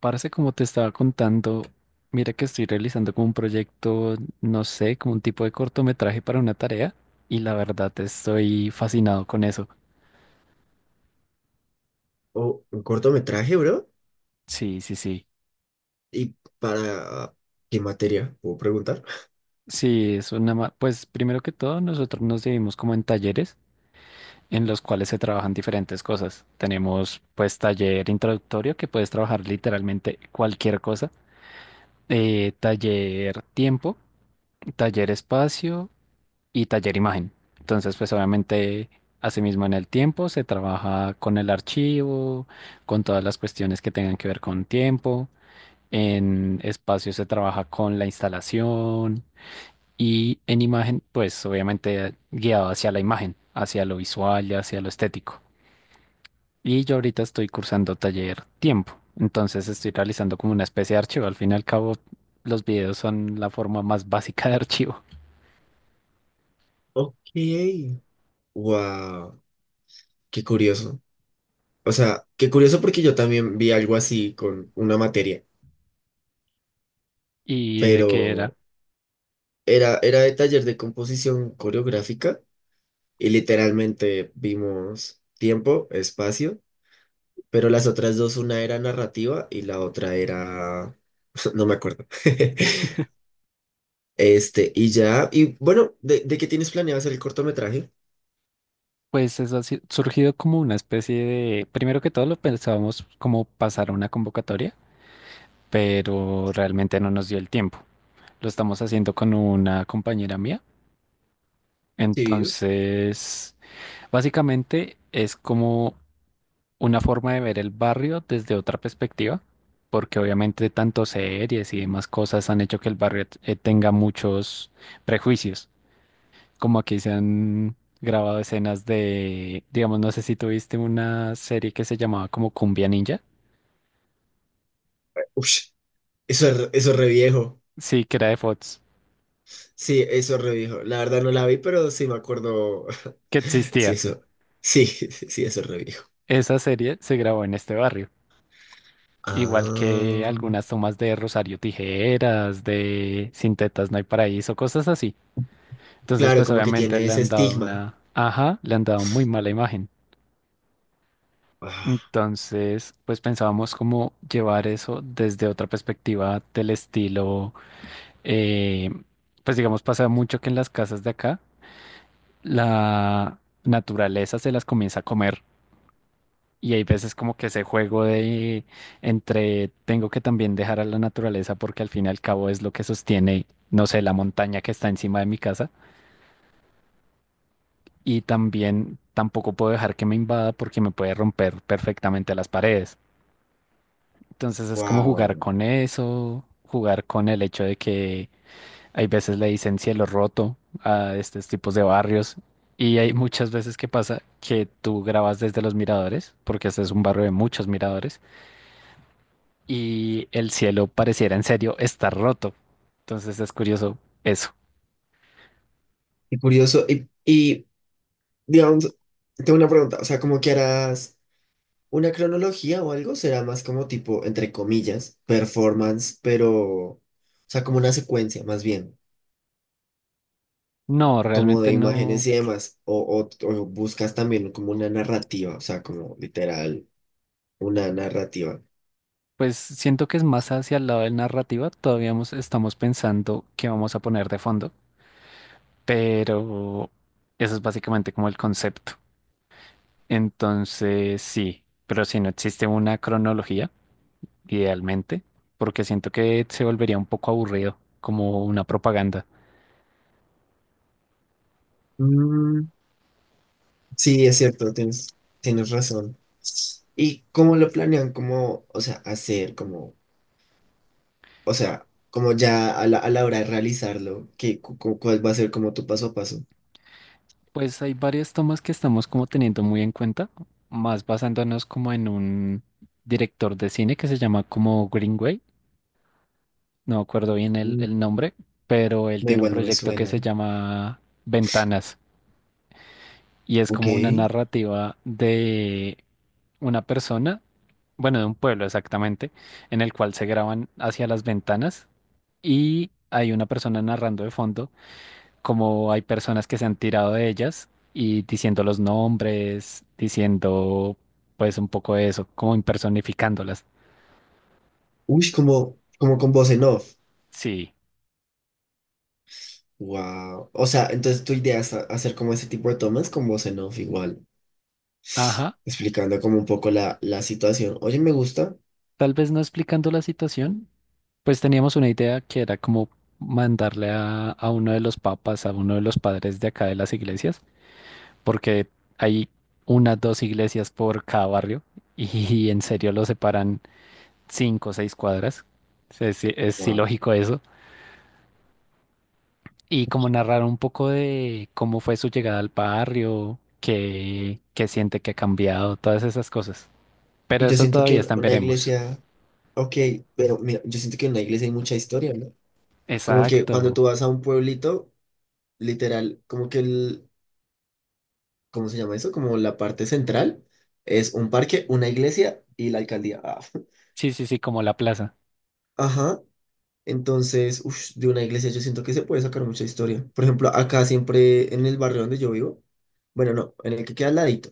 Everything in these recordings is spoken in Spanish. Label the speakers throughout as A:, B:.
A: Parce, como te estaba contando, mira que estoy realizando como un proyecto, no sé, como un tipo de cortometraje para una tarea y la verdad estoy fascinado con eso.
B: Oh, un cortometraje, bro.
A: Sí, sí, sí.
B: ¿Y para qué materia? ¿Puedo preguntar?
A: Sí, es una... Pues primero que todo, nosotros nos dividimos como en talleres en los cuales se trabajan diferentes cosas. Tenemos pues taller introductorio que puedes trabajar literalmente cualquier cosa, taller tiempo, taller espacio y taller imagen. Entonces, pues obviamente, asimismo en el tiempo se trabaja con el archivo, con todas las cuestiones que tengan que ver con tiempo. En espacio se trabaja con la instalación y en imagen, pues obviamente guiado hacia la imagen, hacia lo visual y hacia lo estético. Y yo ahorita estoy cursando taller tiempo. Entonces estoy realizando como una especie de archivo. Al fin y al cabo, los videos son la forma más básica de archivo.
B: Ok. Wow. Qué curioso. O sea, qué curioso porque yo también vi algo así con una materia,
A: ¿Y de qué era?
B: pero era de taller de composición coreográfica y literalmente vimos tiempo, espacio, pero las otras dos, una era narrativa y la otra era... No me acuerdo. Y ya, y bueno, ¿de qué tienes planeado hacer el cortometraje?
A: Pues eso ha si- surgido como una especie de, primero que todo lo pensábamos como pasar a una convocatoria, pero realmente no nos dio el tiempo. Lo estamos haciendo con una compañera mía.
B: Sí.
A: Entonces, básicamente es como una forma de ver el barrio desde otra perspectiva, porque obviamente tanto series y demás cosas han hecho que el barrio tenga muchos prejuicios, como aquí se han grabado escenas de, digamos, no sé si tuviste una serie que se llamaba como Cumbia Ninja,
B: Ush, eso es re viejo.
A: sí, que era de Fox,
B: Sí, eso es re viejo. La verdad no la vi, pero sí me acuerdo.
A: que
B: Sí,
A: existía.
B: eso. Sí, sí, eso es re viejo.
A: Esa serie se grabó en este barrio, igual que
B: Ah,
A: algunas tomas de Rosario Tijeras, de Sin tetas no hay paraíso, cosas así. Entonces,
B: claro,
A: pues
B: como que
A: obviamente
B: tiene
A: le
B: ese
A: han dado
B: estigma.
A: una, ajá, le han dado muy mala imagen.
B: Ah,
A: Entonces, pues pensábamos cómo llevar eso desde otra perspectiva del estilo eh, pues digamos, pasa mucho que en las casas de acá la naturaleza se las comienza a comer y hay veces como que ese juego de entre tengo que también dejar a la naturaleza porque al fin y al cabo es lo que sostiene, no sé, la montaña que está encima de mi casa y también tampoco puedo dejar que me invada porque me puede romper perfectamente las paredes. Entonces es como jugar
B: wow.
A: con eso, jugar con el hecho de que hay veces le dicen cielo roto a estos tipos de barrios y hay muchas veces que pasa que tú grabas desde los miradores, porque este es un barrio de muchos miradores, y el cielo pareciera en serio estar roto. Entonces es curioso eso.
B: Y curioso. Y, digamos, tengo una pregunta. O sea, como que harás una cronología o algo, será más como tipo, entre comillas, performance, pero. O sea, como una secuencia, más bien.
A: No,
B: Como
A: realmente
B: de imágenes
A: no.
B: y demás, o buscas también como una narrativa, o sea, como literal, una narrativa.
A: Pues siento que es más hacia el lado de la narrativa. Todavía estamos pensando qué vamos a poner de fondo, pero eso es básicamente como el concepto. Entonces sí, pero si no existe una cronología idealmente, porque siento que se volvería un poco aburrido, como una propaganda.
B: Mm, sí, es cierto, tienes razón. ¿Y cómo lo planean? ¿Cómo, o sea, hacer, como, o sea, como ya a la hora de realizarlo, ¿qué, cuál va a ser como tu paso a paso?
A: Pues hay varias tomas que estamos como teniendo muy en cuenta, más basándonos como en un director de cine que se llama como Greenway, no me acuerdo bien el,
B: Mm.
A: el nombre, pero él
B: No,
A: tiene un
B: igual no me
A: proyecto que se
B: suena.
A: llama Ventanas y es
B: Ok.
A: como una narrativa de una persona, bueno, de un pueblo exactamente, en el cual se graban hacia las ventanas y hay una persona narrando de fondo como hay personas que se han tirado de ellas y diciendo los nombres, diciendo pues un poco de eso, como impersonificándolas.
B: Uy, como, como con voz en off.
A: Sí,
B: Wow. O sea, entonces tu idea es hacer como ese tipo de tomas con voz en off igual.
A: ajá,
B: Explicando como un poco la situación. Oye, me gusta.
A: tal vez no explicando la situación, pues teníamos una idea que era como mandarle a uno de los papas, a uno de los padres de acá de las iglesias, porque hay unas dos iglesias por cada barrio y, en serio lo separan cinco o seis cuadras. Es
B: Wow.
A: ilógico eso y como narrar un poco de cómo fue su llegada al barrio, qué siente que ha cambiado, todas esas cosas.
B: Y
A: Pero
B: yo
A: eso
B: siento que
A: todavía está en
B: una
A: veremos.
B: iglesia, ok, pero mira, yo siento que en una iglesia hay mucha historia, ¿no? Como que cuando tú
A: Exacto.
B: vas a un pueblito, literal, como que el, ¿cómo se llama eso? Como la parte central es un parque, una iglesia y la alcaldía. Ah,
A: Sí, sí, sí, como la plaza.
B: Ajá. Entonces, ush, de una iglesia yo siento que se puede sacar mucha historia. Por ejemplo, acá siempre en el barrio donde yo vivo, bueno, no, en el que queda al ladito,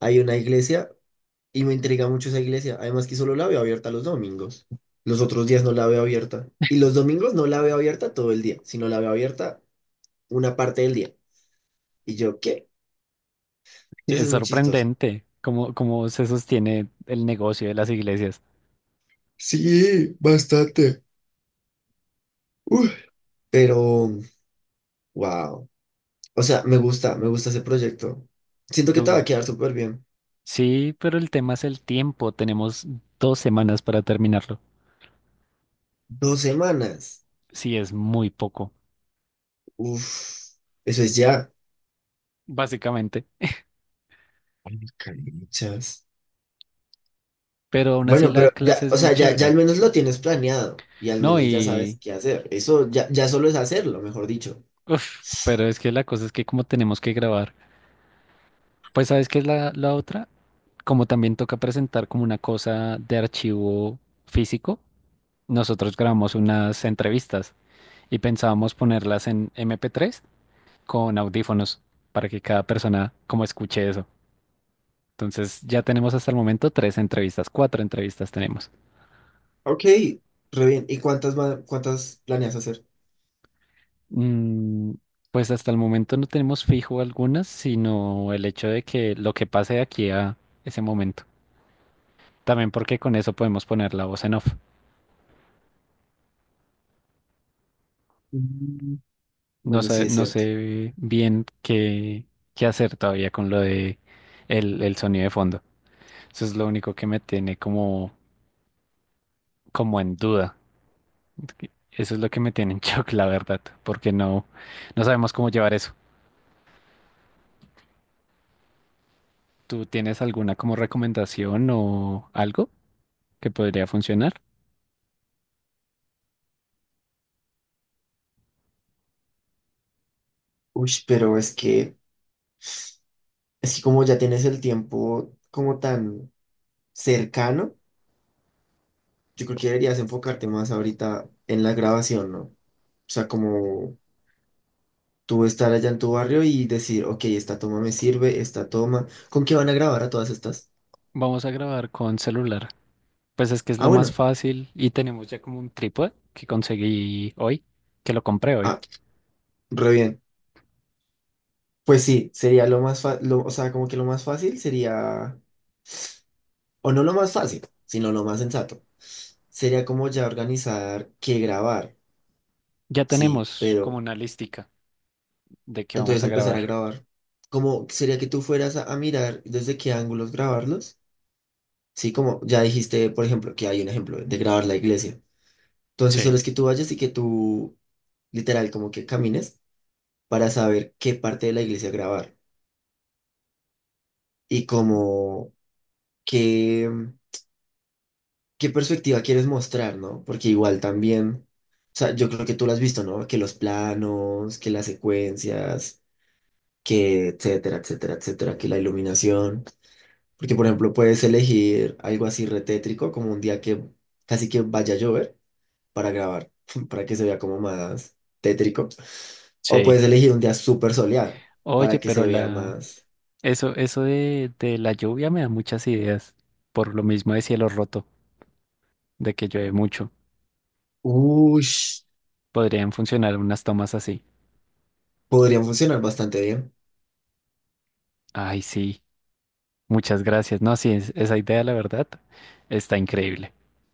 B: hay una iglesia. Y me intriga mucho esa iglesia. Además que solo la veo abierta los domingos. Los otros días no la veo abierta. Y los domingos no la veo abierta todo el día, sino la veo abierta una parte del día. Y yo, ¿qué? Entonces
A: Es
B: es muy chistoso.
A: sorprendente cómo se sostiene el negocio de las iglesias.
B: Sí, bastante. Uf. Pero, wow. O sea, me gusta ese proyecto. Siento que te va a
A: Tú,
B: quedar súper bien.
A: sí, pero el tema es el tiempo. Tenemos dos semanas para terminarlo.
B: Dos semanas.
A: Sí, es muy poco,
B: Uf, eso es ya.
A: básicamente.
B: Ay, cariño.
A: Pero aún así
B: Bueno,
A: la
B: pero
A: clase
B: ya,
A: es
B: o
A: muy
B: sea, ya, ya al
A: chévere.
B: menos lo tienes planeado y al
A: No,
B: menos ya sabes
A: y...
B: qué hacer. Eso ya, ya solo es hacerlo, mejor dicho.
A: Uf, pero es que la cosa es que como tenemos que grabar. Pues sabes qué es la otra, como también toca presentar como una cosa de archivo físico, nosotros grabamos unas entrevistas y pensábamos ponerlas en MP3 con audífonos para que cada persona como escuche eso. Entonces ya tenemos hasta el momento tres entrevistas, cuatro entrevistas tenemos.
B: Ok, re bien. ¿Y cuántas, cuántas planeas hacer?
A: Mm, pues hasta el momento no tenemos fijo algunas, sino el hecho de que lo que pase de aquí a ese momento. También porque con eso podemos poner la voz en off.
B: Mm.
A: No
B: Bueno,
A: sé,
B: sí es
A: no
B: cierto.
A: sé bien qué hacer todavía con lo de el sonido de fondo. Eso es lo único que me tiene como, como en duda. Eso es lo que me tiene en shock, la verdad, porque no, no sabemos cómo llevar eso. ¿Tú tienes alguna como recomendación o algo que podría funcionar?
B: Uy, pero es es que como ya tienes el tiempo como tan cercano, yo creo que deberías enfocarte más ahorita en la grabación, ¿no? O sea, como tú estar allá en tu barrio y decir, ok, esta toma me sirve, esta toma. ¿Con qué van a grabar a todas estas?
A: Vamos a grabar con celular. Pues es que es
B: Ah,
A: lo más
B: bueno.
A: fácil y tenemos ya como un trípode que conseguí hoy, que lo compré hoy.
B: Ah, re bien. Pues sí, sería lo más o sea, como que lo más fácil sería, o no lo más fácil, sino lo más sensato. Sería como ya organizar qué grabar,
A: Ya
B: sí,
A: tenemos como
B: pero
A: una listica de qué vamos
B: entonces
A: a
B: empezar a
A: grabar.
B: grabar. Como sería que tú fueras a mirar desde qué ángulos grabarlos, sí, como ya dijiste, por ejemplo, que hay un ejemplo de grabar la iglesia. Entonces solo
A: Sí,
B: es que tú vayas y que tú, literal, como que camines para saber qué parte de la iglesia grabar y como que... qué perspectiva quieres mostrar, ¿no? Porque igual también, o sea, yo creo que tú lo has visto, ¿no? Que los planos, que las secuencias, que etcétera, etcétera, etcétera, que la iluminación. Porque, por ejemplo, puedes elegir algo así retétrico, como un día que casi que vaya a llover para grabar, para que se vea como más tétrico. O
A: sí.
B: puedes elegir un día súper soleado para
A: Oye,
B: que se
A: pero
B: vea
A: la
B: más.
A: eso, eso de la lluvia me da muchas ideas. Por lo mismo de cielo roto, de que llueve mucho.
B: Uy,
A: Podrían funcionar unas tomas así.
B: podrían funcionar bastante bien.
A: Ay, sí. Muchas gracias. No, sí, esa idea, la verdad, está increíble.